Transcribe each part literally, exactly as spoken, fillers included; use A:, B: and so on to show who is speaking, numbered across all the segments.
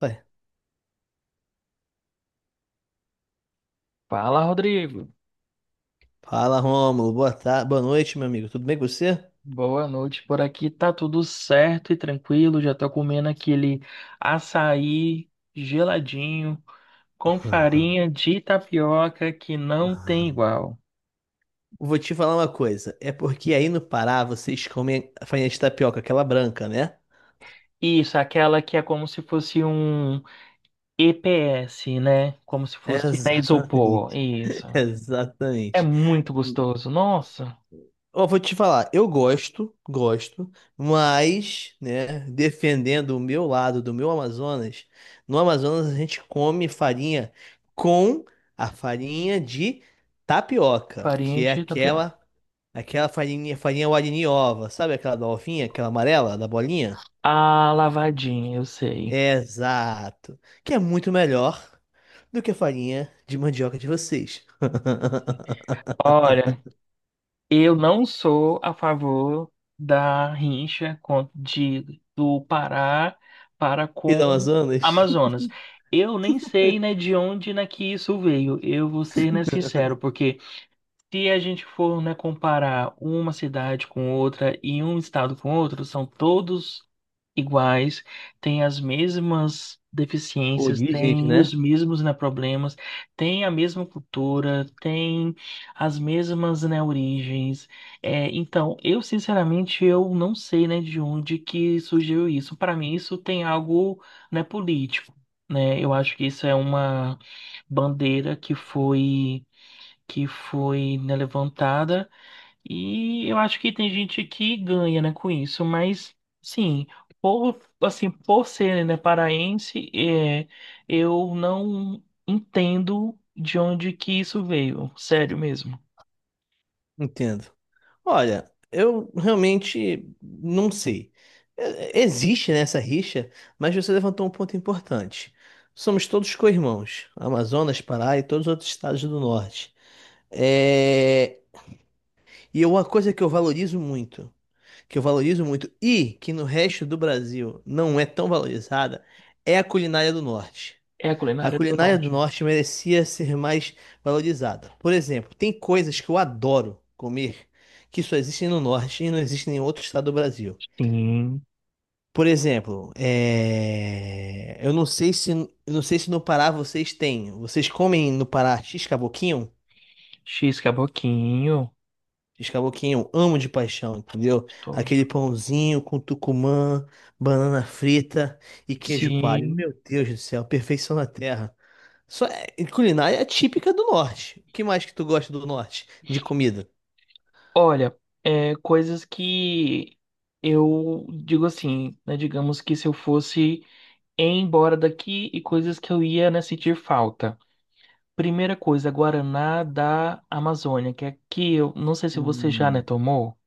A: Ué,
B: Fala, Rodrigo.
A: fala, Rômulo. Boa tarde, boa noite, meu amigo. Tudo bem com você?
B: Boa noite. Por aqui tá tudo certo e tranquilo. Já tô comendo aquele açaí geladinho com
A: Aham,
B: farinha de tapioca que não tem
A: aham.
B: igual.
A: Vou te falar uma coisa. É porque aí no Pará vocês comem a farinha de tapioca, aquela branca, né?
B: Isso, aquela que é como se fosse um E P S, né? Como se fosse na isopor.
A: Exatamente,
B: Isso. É
A: exatamente.
B: muito gostoso. Nossa,
A: Ó, vou te falar, eu gosto, gosto, mas, né, defendendo o meu lado do meu Amazonas, no Amazonas a gente come farinha com a farinha de tapioca,
B: farinha
A: que é
B: de tapioca.
A: aquela aquela farinha, farinha Wariniova, sabe aquela da ovinha, aquela amarela da bolinha?
B: Ah, lavadinha, eu sei.
A: Exato, que é muito melhor do que a farinha de mandioca de vocês.
B: Olha, Eu não sou a favor da rincha com- de, do Pará para
A: E
B: com
A: do Amazonas,
B: Amazonas. Eu nem sei, né, de onde né, que isso veio. Eu vou ser, né, sincero, porque se a gente for, né, comparar uma cidade com outra e um estado com outro, são todos iguais, têm as mesmas deficiências,
A: origens,
B: têm
A: né?
B: os mesmos, né, problemas, têm a mesma cultura, têm as mesmas, né, origens. É, então, eu sinceramente eu não sei, né, de onde que surgiu isso. Para mim, isso tem algo, né, político. Né, eu acho que isso é uma bandeira que foi que foi né, levantada e eu acho que tem gente que ganha, né, com isso, mas sim, por assim, por ser, né, paraense, é, eu não entendo de onde que isso veio, sério mesmo.
A: Entendo. Olha, eu realmente não sei. É- Existe, né, essa rixa, mas você levantou um ponto importante. Somos todos co-irmãos, Amazonas, Pará e todos os outros estados do norte. É... E é uma coisa que eu valorizo muito, que eu valorizo muito e que no resto do Brasil não é tão valorizada, é a culinária do norte.
B: É a
A: A
B: culinária do
A: culinária do
B: norte.
A: norte merecia ser mais valorizada. Por exemplo, tem coisas que eu adoro comer que só existem no norte e não existem em outro estado do Brasil.
B: Sim,
A: Por exemplo, é, eu não sei se eu não sei se no Pará vocês têm. Vocês comem no Pará x-caboquinho?
B: X caboquinho,
A: X-caboquinho, eu amo de paixão, entendeu? Aquele
B: gostoso.
A: pãozinho com tucumã, banana frita e queijo coalho.
B: Sim.
A: Meu Deus do céu, perfeição na terra. Só é- Culinária é típica do norte. O que mais que tu gosta do norte de comida?
B: Olha, é, coisas que eu digo assim, né, digamos que se eu fosse ir embora daqui e coisas que eu ia, né, sentir falta. Primeira coisa, Guaraná da Amazônia, que aqui eu não sei se você já, né,
A: Hum.
B: tomou.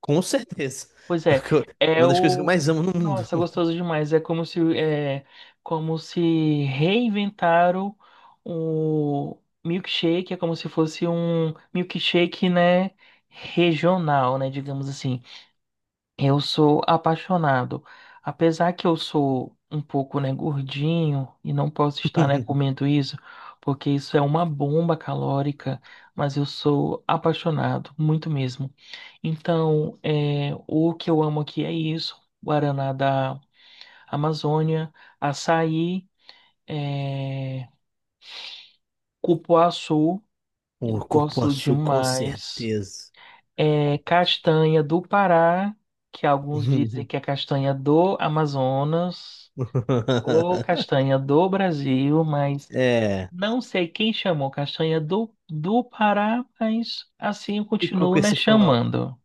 A: Com certeza.
B: Pois
A: É
B: é,
A: o que eu- é
B: é
A: uma das coisas que eu
B: o.
A: mais amo no mundo.
B: Nossa, gostoso demais. É como se, é, como se reinventaram o milkshake, é como se fosse um milkshake, né, regional, né, digamos assim. Eu sou apaixonado. Apesar que eu sou um pouco, né, gordinho e não posso estar, né, comendo isso, porque isso é uma bomba calórica, mas eu sou apaixonado, muito mesmo. Então, é, o que eu amo aqui é isso: Guaraná da Amazônia, açaí, é, cupuaçu,
A: O
B: eu gosto
A: cupuaçu, com
B: demais.
A: certeza.
B: É
A: Cu-
B: castanha do Pará, que alguns dizem que é castanha do Amazonas, ou castanha do Brasil, mas
A: É,
B: não sei quem chamou castanha do, do Pará, mas assim eu
A: ficou
B: continuo,
A: com
B: né,
A: esse fama.
B: chamando,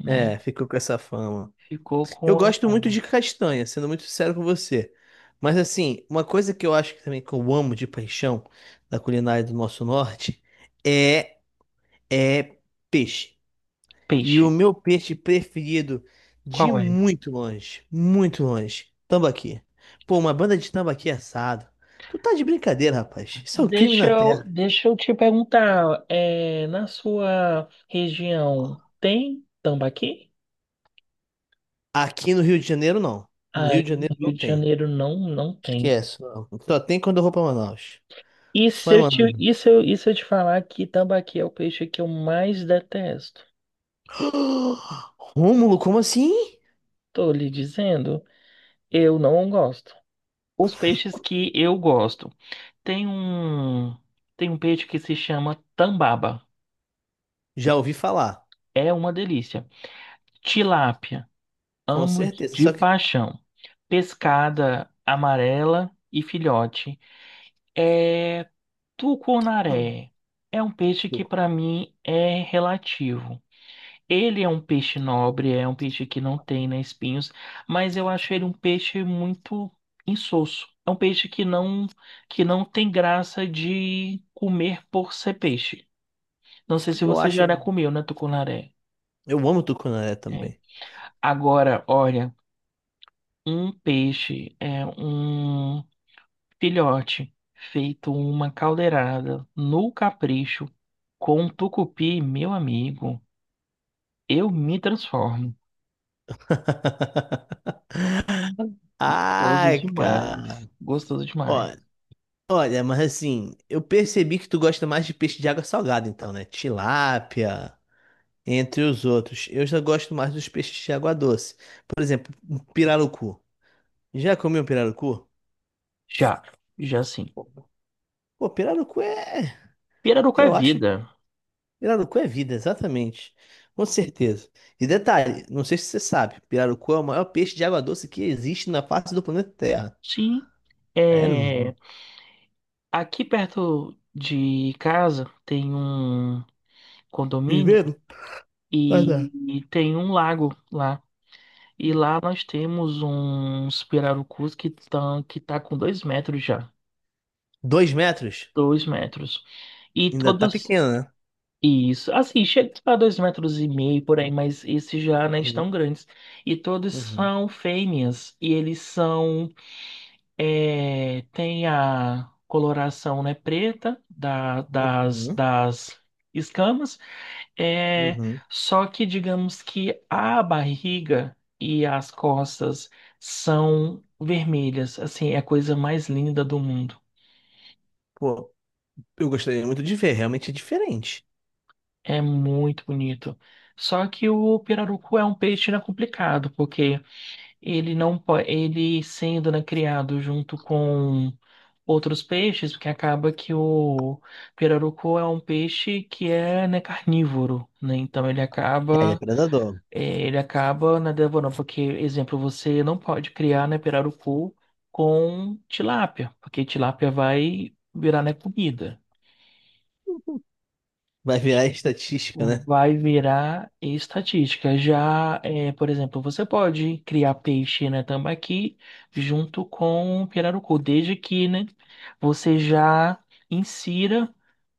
B: né?
A: É, ficou com essa fama.
B: Ficou com
A: Eu
B: a
A: gosto muito
B: fama.
A: de castanha, sendo muito sincero com você. Mas assim, uma coisa que eu acho que também que eu amo de paixão da culinária do nosso norte é é peixe. E o
B: Peixe,
A: meu peixe preferido de
B: qual é?
A: muito longe, muito longe, tambaqui. Pô, uma banda de tambaqui assado. Tu tá de brincadeira, rapaz. Isso é um crime
B: Deixa
A: na
B: eu,
A: terra.
B: deixa eu te perguntar, é, na sua região tem tambaqui?
A: Aqui no Rio de Janeiro, não. No Rio de
B: Aí no
A: Janeiro
B: Rio
A: não
B: de
A: tem.
B: Janeiro não, não tem.
A: Esquece. Não. Só tem quando eu vou pra Manaus.
B: E
A: Só
B: se
A: em
B: eu te,
A: Manaus.
B: e se eu, e se eu te falar que tambaqui é o peixe que eu mais detesto?
A: Rômulo, como assim?
B: Tô lhe dizendo, eu não gosto. Os peixes que eu gosto. Tem um, tem um peixe que se chama tambaba.
A: Já ouvi falar.
B: É uma delícia. Tilápia,
A: Com
B: amo
A: certeza.
B: de
A: Só que.
B: paixão. Pescada amarela e filhote. É
A: Hum.
B: tucunaré. É um peixe que para mim é relativo. Ele é um peixe nobre, é um peixe que não tem, né, espinhos, mas eu acho ele um peixe muito insosso. É um peixe que não que não tem graça de comer por ser peixe. Não sei se
A: Eu
B: você
A: acho.
B: já comeu, né, tucunaré?
A: Eu amo tucunaré
B: É.
A: também.
B: Agora, olha, um peixe é um filhote feito uma caldeirada no capricho com tucupi, meu amigo. Eu me transformo. Gostoso
A: Ai,
B: demais.
A: cara.
B: Gostoso
A: Ó,
B: demais.
A: olha, mas assim, eu percebi que tu gosta mais de peixe de água salgada, então, né? Tilápia, entre os outros. Eu já gosto mais dos peixes de água doce. Por exemplo, um pirarucu. Já comeu um pirarucu?
B: Já, já sim.
A: Pô, pirarucu é.
B: Pirarucu é
A: Eu acho.
B: vida.
A: Pirarucu é vida, exatamente. Com certeza. E detalhe, não sei se você sabe, pirarucu é o maior peixe de água doce que existe na face do planeta Terra.
B: Sim.
A: É, não.
B: É,
A: não-
B: aqui perto de casa tem um condomínio
A: Viveiro? Mas
B: e,
A: é.
B: e tem um lago lá. E lá nós temos uns pirarucus que estão que tá com dois metros já.
A: Dois metros?
B: Dois metros. E
A: Ainda tá
B: todos.
A: pequeno, né?
B: Isso. Assim, chega a dois metros e meio por aí, mas esses já não estão
A: Uhum,
B: grandes. E todos
A: uhum,
B: são fêmeas. E eles são É, tem a coloração, né, preta da- das,
A: uhum,
B: das escamas, é,
A: uhum.
B: só que digamos que a barriga e as costas são vermelhas, assim, é a coisa mais linda do mundo,
A: Pô, eu gostaria muito de ver, realmente é diferente.
B: é muito bonito. Só que o pirarucu é um peixe, né, complicado, porque Ele não po- ele sendo, né, criado junto com outros peixes, porque acaba que o pirarucu é um peixe que é, né, carnívoro, né? Então ele
A: É, ele é
B: acaba
A: predador.
B: eh, ele acaba, né, devorando, porque, exemplo, você não pode criar, né, pirarucu com tilápia, porque tilápia vai virar, né, comida.
A: Vai virar estatística, né?
B: Vai virar estatística. Já, é, por exemplo, você pode criar peixe na tambaqui junto com o pirarucu, desde que, né, você já insira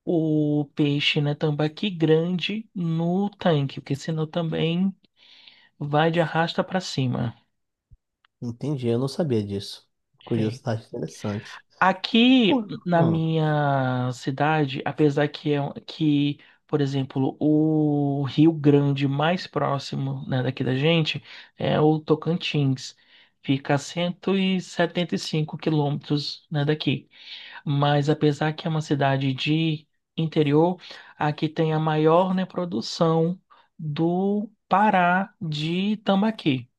B: o peixe na tambaqui grande no tanque, porque senão também vai de arrasta para cima.
A: Entendi, eu não sabia disso.
B: É.
A: Curiosidade interessante. Pô.
B: Aqui na
A: Hum,
B: minha cidade, apesar que é um- que, por exemplo, o Rio Grande mais próximo, né, daqui da gente é o Tocantins. Fica a cento e setenta e cinco quilômetros, né, daqui. Mas apesar que é uma cidade de interior, aqui tem a maior, né, produção do Pará de tambaqui.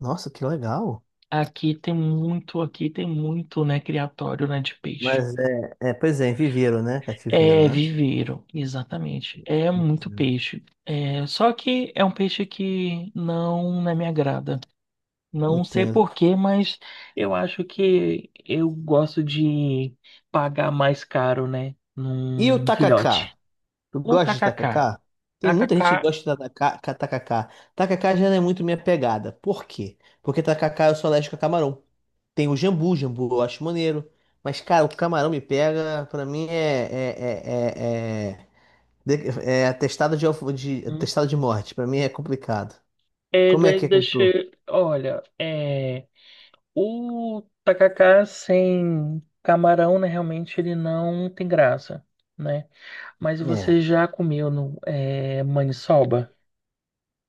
A: nossa, que legal.
B: Aqui tem muito, aqui tem muito, né, criatório, né, de peixe.
A: Mas é, é, pois é, em viveiro, né? Cativeiro,
B: É,
A: né?
B: viveiro, exatamente. É muito
A: Entendo.
B: peixe. É, só que é um peixe que não, não me agrada. Não sei
A: Entendo.
B: por quê, mas eu acho que eu gosto de pagar mais caro, né?
A: E o
B: Num
A: tacacá?
B: filhote.
A: Tu
B: O
A: gosta de
B: tacacá.
A: tacacá? Tem muita gente que
B: Tacacá
A: gosta de tacacá. Tacacá Tacacá já não é muito minha pegada. Por quê? Porque tacacá eu sou alérgico a camarão. Tem o jambu, jambu eu acho maneiro. Mas, cara, o camarão me pega, pra mim é. É, é, é, é, de- é atestado de, alfa- de,
B: hum,
A: atestado de morte. Pra mim é complicado.
B: é,
A: Como é
B: daí
A: que é com
B: deixa.
A: tu?
B: Olha, é, o tacacá sem camarão, né? Realmente ele não tem graça, né? Mas
A: É.
B: você já comeu no, é, maniçoba?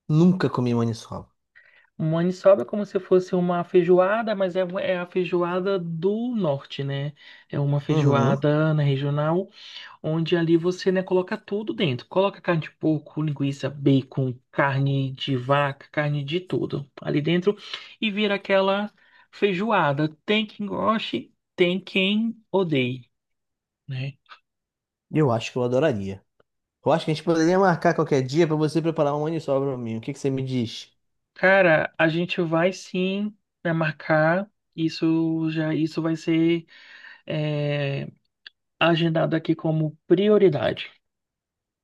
A: Nunca comi maniçoba.
B: Maniçoba é como se fosse uma feijoada, mas é, é a feijoada do norte, né? É uma
A: Uhum.
B: feijoada na regional, onde ali você, né, coloca tudo dentro. Coloca carne de porco, linguiça, bacon, carne de vaca, carne de tudo ali dentro e vira aquela feijoada. Tem quem goste, tem quem odeie, né?
A: Eu acho que eu adoraria. Eu acho que a gente poderia marcar qualquer dia pra você preparar uma maniçoba pra mim. O que que você me diz?
B: Cara, a gente vai sim né, marcar. Isso já isso vai ser é, agendado aqui como prioridade.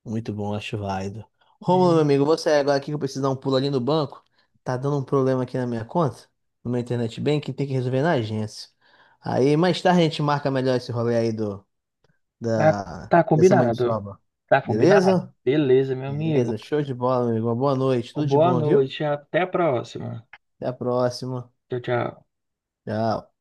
A: Muito bom, acho válido. Romulo, meu
B: Hum.
A: amigo, você agora aqui que eu preciso dar um pulo ali no banco. Tá dando um problema aqui na minha conta, no meu internet banking, tem que resolver na agência. Aí mais tarde a gente marca melhor esse rolê aí do,
B: Tá,
A: da,
B: tá
A: dessa
B: combinado.
A: maniçoba.
B: Tá combinado?
A: Beleza?
B: Beleza, meu
A: Beleza,
B: amigo.
A: show de bola, meu amigo. Uma boa noite, tudo de
B: Boa
A: bom, viu?
B: noite, até a próxima.
A: Até a próxima.
B: Tchau, tchau.
A: Tchau.